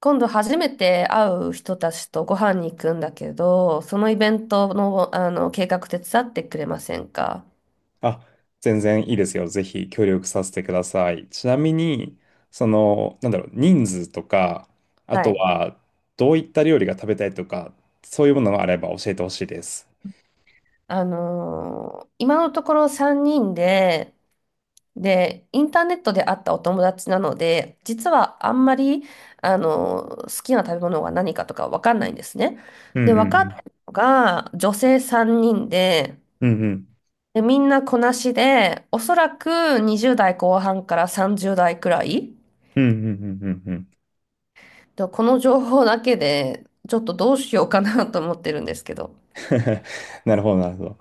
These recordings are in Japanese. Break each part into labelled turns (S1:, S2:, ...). S1: 今度初めて会う人たちとご飯に行くんだけど、そのイベントの、あの計画手伝ってくれませんか？
S2: あ、全然いいですよ。ぜひ協力させてください。ちなみに、人数とか、あ
S1: は
S2: と
S1: い。
S2: は、どういった料理が食べたいとか、そういうものがあれば教えてほしいです。
S1: 今のところ3人で、で、インターネットで会ったお友達なので、実はあんまり、好きな食べ物が何かとかわかんないんですね。
S2: うん
S1: で、
S2: う
S1: 分かっ
S2: ん
S1: たのが女性3人で、
S2: うん。うんうん。
S1: で、みんなこなしで、おそらく20代後半から30代くらい。
S2: うんうんうんうんうん。
S1: ではこの情報だけで、ちょっとどうしようかな と思ってるんですけど。
S2: なるほど、なるほど。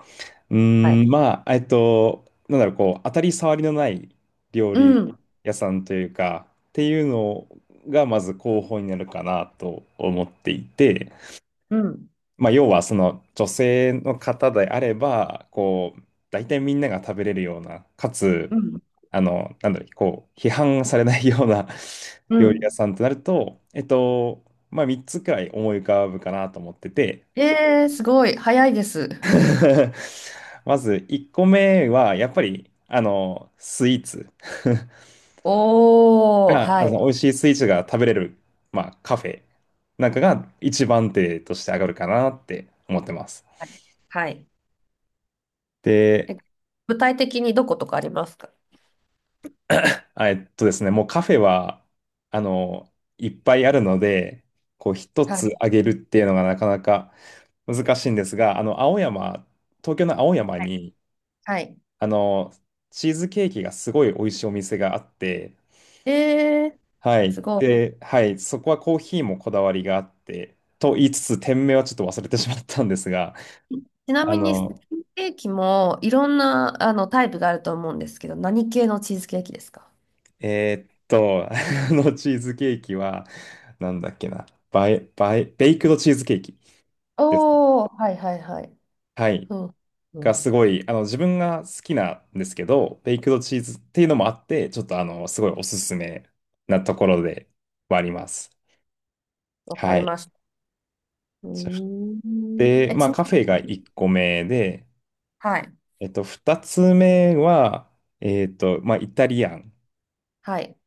S1: はい。
S2: 当たり障りのない料
S1: う
S2: 理
S1: ん。
S2: 屋さんというか、っていうのが、まず候補になるかなと思っていて、
S1: うん。
S2: まあ、要はその女性の方であれば、こう、大体みんなが食べれるような、かつ、
S1: うん。
S2: 批判されないような
S1: う
S2: 料理屋
S1: ん。
S2: さんとなると、3つくらい思い浮かぶかなと思ってて、
S1: えー、すごい。早いです。
S2: まず1個目は、やっぱり、スイーツ
S1: おー、
S2: が、
S1: はい。
S2: 美味しいスイーツが食べれる、まあ、カフェなんかが一番手として上がるかなって思ってます。
S1: はい。はい。
S2: で、
S1: え具体的にどことかありますか？
S2: あえっとですね、もうカフェは、あの、いっぱいあるので、こう一
S1: は
S2: つ
S1: い。
S2: あげるっていうのがなかなか難しいんですが、あの、青山、東京の青山
S1: はい。
S2: に、
S1: はい。
S2: あの、チーズケーキがすごい美味しいお店があって、
S1: えー、
S2: はい。
S1: すごい。
S2: で、はい、そこはコーヒーもこだわりがあって、と言いつつ、店名はちょっと忘れてしまったんですが、
S1: ちな
S2: あ
S1: みに、チー
S2: の、
S1: ズケーキもいろんなあのタイプがあると思うんですけど、何系のチーズケーキですか？
S2: あのチーズケーキは、なんだっけな、バイ、バイ、ベイクドチーズケーキですね。
S1: おー、はいはいはい。
S2: はい。
S1: うん。う
S2: が
S1: ん。
S2: すごい、あの、自分が好きなんですけど、ベイクドチーズっていうのもあって、ちょっとあの、すごいおすすめなところではあります。
S1: わか
S2: は
S1: り
S2: い。
S1: ました。うー
S2: そし
S1: ん。
S2: て、ま
S1: ち
S2: あ、
S1: な
S2: カフェが
S1: みに、
S2: 1個目で、
S1: はい。
S2: 2つ目は、イタリアン
S1: はい。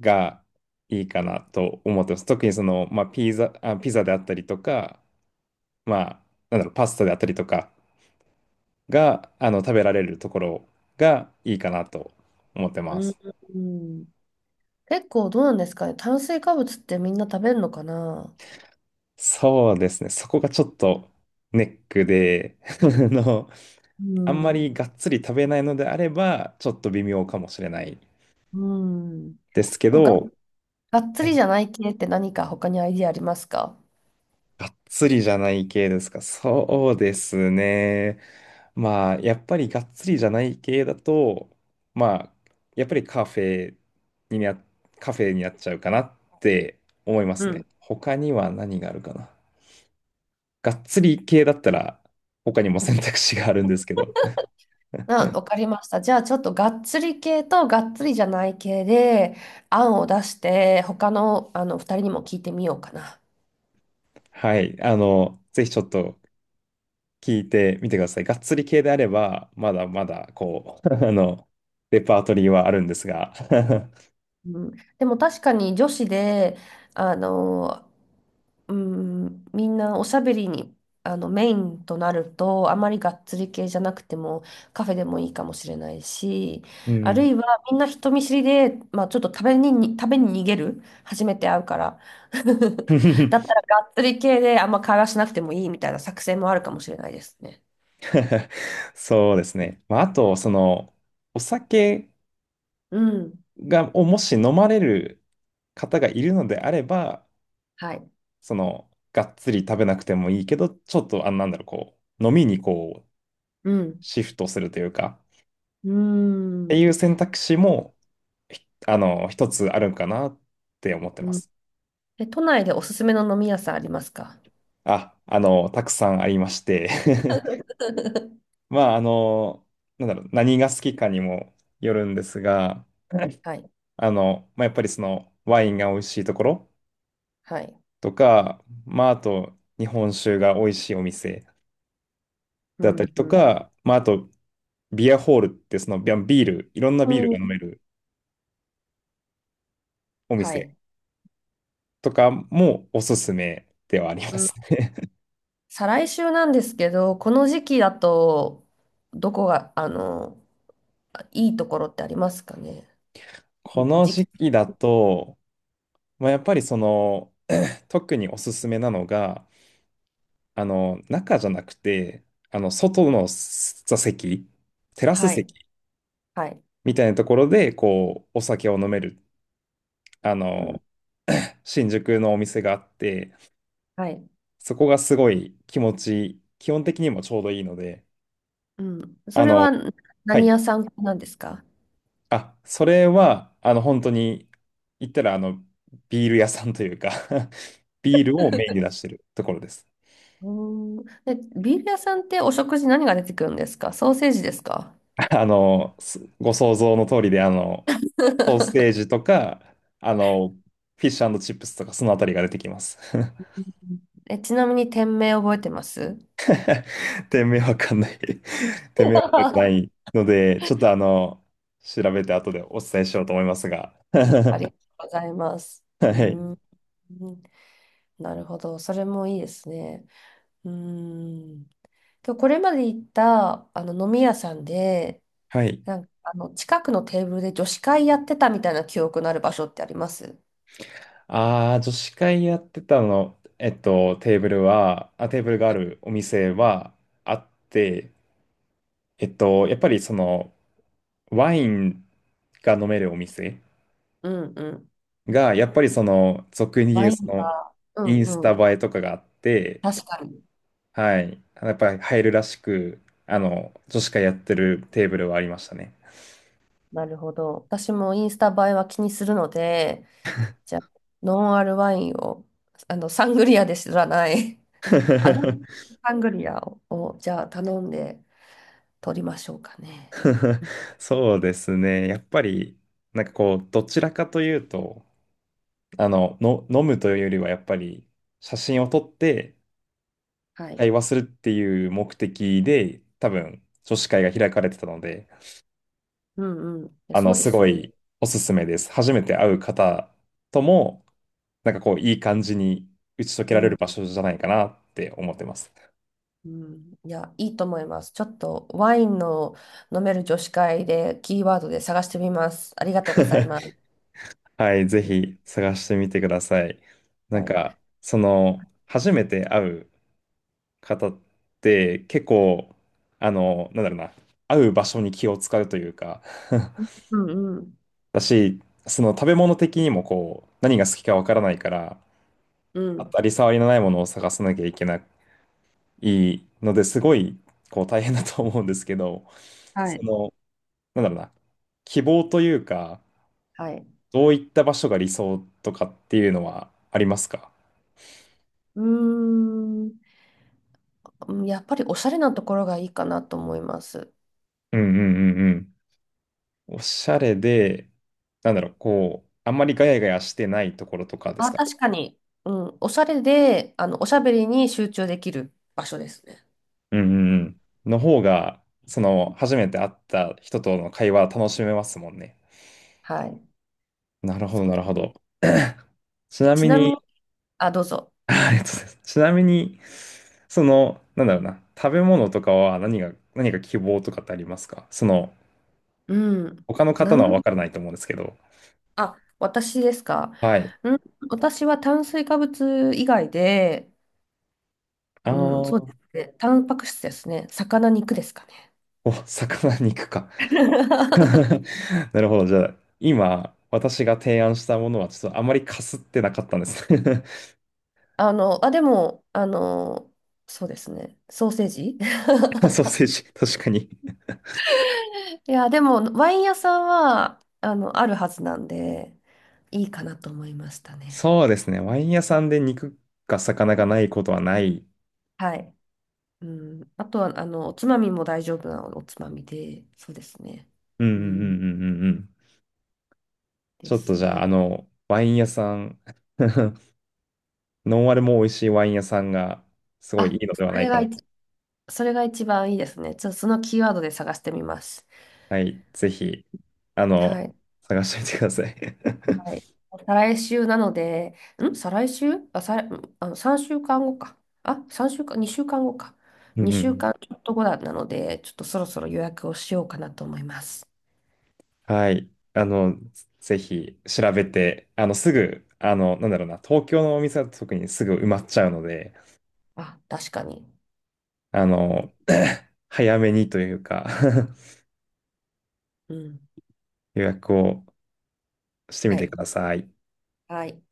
S2: がいいかなと思ってます。特にその、まあ、ピザであったりとか、まあ、パスタであったりとかが、食べられるところがいいかなと思って
S1: う
S2: ます。
S1: ーん。結構どうなんですかね。炭水化物ってみんな食べるのかな？
S2: そうですね。そこがちょっとネックで、あの、
S1: う
S2: あんま
S1: ん。
S2: りがっつり食べないのであれば、ちょっと微妙かもしれない
S1: うん。で
S2: ですけ
S1: もが、
S2: ど、
S1: がっつ
S2: は
S1: り
S2: い。
S1: じゃない系って何か他にアイディアありますか？
S2: がっつりじゃない系ですか。そうですね。まあ、やっぱりがっつりじゃない系だと、まあ、やっぱりにな、カフェになっちゃうかなって思いま
S1: う
S2: すね。
S1: ん。
S2: 他には何があるかな。がっつり系だったら、他にも選択肢があるんですけど。
S1: あ、わかりました。じゃあちょっとがっつり系とがっつりじゃない系で案を出して他の、あの2人にも聞いてみようかな。
S2: はい。あの、ぜひちょっと聞いてみてください。がっつり系であれば、まだまだ、こう、あの、レパートリーはあるんですが。
S1: うん、でも確かに女子で、あの、うん、みんなおしゃべりに、メインとなると、あまりがっつり系じゃなくても、カフェでもいいかもしれないし、
S2: う
S1: ある
S2: ん。
S1: いはみんな人見知りで、まあ、ちょっと食べに逃げる、初めて会うから。だった らがっつり系であんま会話しなくてもいいみたいな作戦もあるかもしれないですね。
S2: そうですね。まあ、あと、その、お酒
S1: うん。
S2: が、をもし飲まれる方がいるのであれば、
S1: はい。
S2: その、がっつり食べなくてもいいけど、ちょっと、あ、なんだろう、こう、飲みに
S1: うん。
S2: シフトするというか、
S1: うー
S2: って
S1: ん。
S2: いう選択肢も、ひあの、一つあるんかなって思って
S1: う
S2: ま
S1: ん。
S2: す。
S1: 都内でおすすめの飲み屋さんありますか？
S2: たくさんありまして まあ、あの、何が好きかにもよるんですが、
S1: はい。
S2: やっぱりその、ワインが美味しいところ
S1: はい。
S2: とか、まあ、あと、日本酒が美味しいお店
S1: う
S2: だったり
S1: ん、う
S2: と
S1: ん、
S2: か、まあ、あと、ビアホールってそのビアビール、いろんな
S1: う
S2: ビールが飲
S1: ん。
S2: めるお
S1: は
S2: 店
S1: い。
S2: とかもおすすめではあり
S1: う
S2: ま
S1: ん。
S2: すね。
S1: 再来週なんですけど、この時期だと、どこが、いいところってありますかね。
S2: この
S1: 時
S2: 時
S1: 期。
S2: 期だと、まあ、やっぱりその、特におすすめなのが、あの、中じゃなくて、あの、外の座席、テラス
S1: はい。
S2: 席
S1: はい。
S2: みたいなところで、こう、お酒を飲める、あ
S1: うん、
S2: の、新宿のお店があって、
S1: はい。
S2: そこがすごい気持ちいい、基本的にもちょうどいいので、
S1: うん。そ
S2: あ
S1: れ
S2: の、
S1: は
S2: は
S1: 何屋
S2: い。
S1: さんなんですか？
S2: あ、それは、あの、本当に、言ったら、あの、ビール屋さんというか ビールをメインに出してるところです。
S1: うーん。で、ビール屋さんってお食事何が出てくるんですか？ソーセージですか？
S2: あの、すご想像の通りで、あの、ソーセージとか、あの、フィッシュチップスとか、そのあたりが出てきます。
S1: ちなみに店名覚えてます？
S2: 店名わかんない。 店名は 覚えてないので、ちょっとあの、調べて後でお伝えしようと思いますが。
S1: ありが とうございます。
S2: は
S1: う
S2: い。
S1: ーん。なるほど。それもいいですね。うーん。今日これまで行ったあの飲み屋さんで、
S2: はい。
S1: なんかあの近くのテーブルで女子会やってたみたいな記憶のある場所ってあります？
S2: ああ、女子会やってたの、テーブルがあるお店はあって、えっと、やっぱりその、ワインが飲めるお店
S1: うんうん。
S2: が、やっぱりその、俗に言
S1: ワ
S2: う
S1: イ
S2: そ
S1: ン
S2: の、
S1: が、う
S2: イ
S1: ん
S2: ンスタ
S1: うん。
S2: 映えとかがあって、
S1: 確かに。
S2: はい。やっぱり入るらしく、あの、女子会やってるテーブルはありましたね。
S1: なるほど。私もインスタ映えは気にするので、じゃあ、ノンアルワインを、サングリアで知らない、あの、サングリアを、じゃあ頼んで取りましょうかね。
S2: そうですね。やっぱり、なんかこう、どちらかというと、飲むというよりは、やっぱり、写真を撮って
S1: はい。
S2: 会話するっていう目的で、多分、女子会が開かれてたので、
S1: うんうん。
S2: あ
S1: そ
S2: の、
S1: うで
S2: す
S1: す
S2: ご
S1: よ。
S2: いおすすめです。初めて会う方とも、なんかこう、いい感じに打ち解け
S1: う
S2: られる
S1: ん、
S2: 場所じゃないかなって思ってます。
S1: うん。いや、いいと思います。ちょっとワインの飲める女子会でキーワードで探してみます。ありがとうございま す。
S2: はい、ぜひ探してみてください。な
S1: は
S2: ん
S1: い。
S2: か、その、初めて会う方って結構、あの、なんだろうな、会う場所に気を使うというか。
S1: うんうん。
S2: だし、その食べ物的にもこう、何が好きかわからないから、
S1: う
S2: 当
S1: ん。
S2: たり障りのないものを探さなきゃいけないのですごいこう大変だと思うんですけど、
S1: は
S2: そ
S1: い。
S2: の、なんだろうな、希望というか、
S1: はい。
S2: どういった場所が理想とかっていうのはありますか？
S1: うーん。うん。やっぱりおしゃれなところがいいかなと思います。
S2: うんうんうんうん。おしゃれで、なんだろう、こう、あんまりガヤガヤしてないところとかです
S1: あ、
S2: かね。
S1: 確かに。うん。おしゃれで、おしゃべりに集中できる場所ですね。
S2: うんうんうん。の方が、その、初めて会った人との会話楽しめますもんね。
S1: はい。
S2: なるほど、
S1: そう
S2: な
S1: で
S2: るほど。ち
S1: す。
S2: な
S1: ち
S2: み
S1: なみ
S2: に、
S1: に、あ、どうぞ。
S2: ありがとうございます。ちなみに、その、なんだろうな、食べ物とかは何が、何か希望とかってありますか？その、
S1: うん。
S2: 他の
S1: な
S2: 方の
S1: ん
S2: は分からないと思うんですけど。
S1: あ、私ですか。
S2: はい。
S1: うん、私は炭水化物以外で、
S2: ああ、
S1: うん、そう
S2: お、
S1: ですね。タンパク質ですね。魚肉ですかね。
S2: 魚肉か。なるほど。じゃあ、今、私が提案したものは、ちょっとあまりかすってなかったんです。
S1: あ、でも、そうですね。ソーセージ
S2: ソーセージ、確かに。
S1: いや、でも、ワイン屋さんは、あるはずなんで、いいかなと思いましたね。
S2: そうですね。ワイン屋さんで肉か魚がないことはない。
S1: はい。うん、あとは、おつまみも大丈夫なおつまみで、そうですね。
S2: うんうん
S1: う
S2: うんうんう
S1: ん、
S2: んうん。ち
S1: で
S2: ょっと
S1: す
S2: じゃあ、
S1: ね。
S2: あの、ワイン屋さん ノンアルも美味しいワイン屋さんがすごいい
S1: あ、
S2: いのではないかなと。
S1: それが一番いいですね。ちょっとそのキーワードで探してみます。
S2: はい、ぜひ、あの、
S1: はい。
S2: 探してみてください。
S1: はい。再来週なので、再来週あ、再、んあの、3週間後かんごか。あ、3週間、2週間後かんごか。
S2: うんう
S1: 2週
S2: ん。
S1: 間ちょっと後だなので、ちょっとそろそろ予約をしようかなと思います。
S2: はい、あの、ぜひ調べて、あの、すぐ、あの、なんだろうな、東京のお店だと特にすぐ埋まっちゃうので、
S1: あ、確かに。
S2: あの、早めにというか。
S1: うん。
S2: 予約をしてみ
S1: は
S2: てく
S1: い。
S2: ださい。
S1: はい。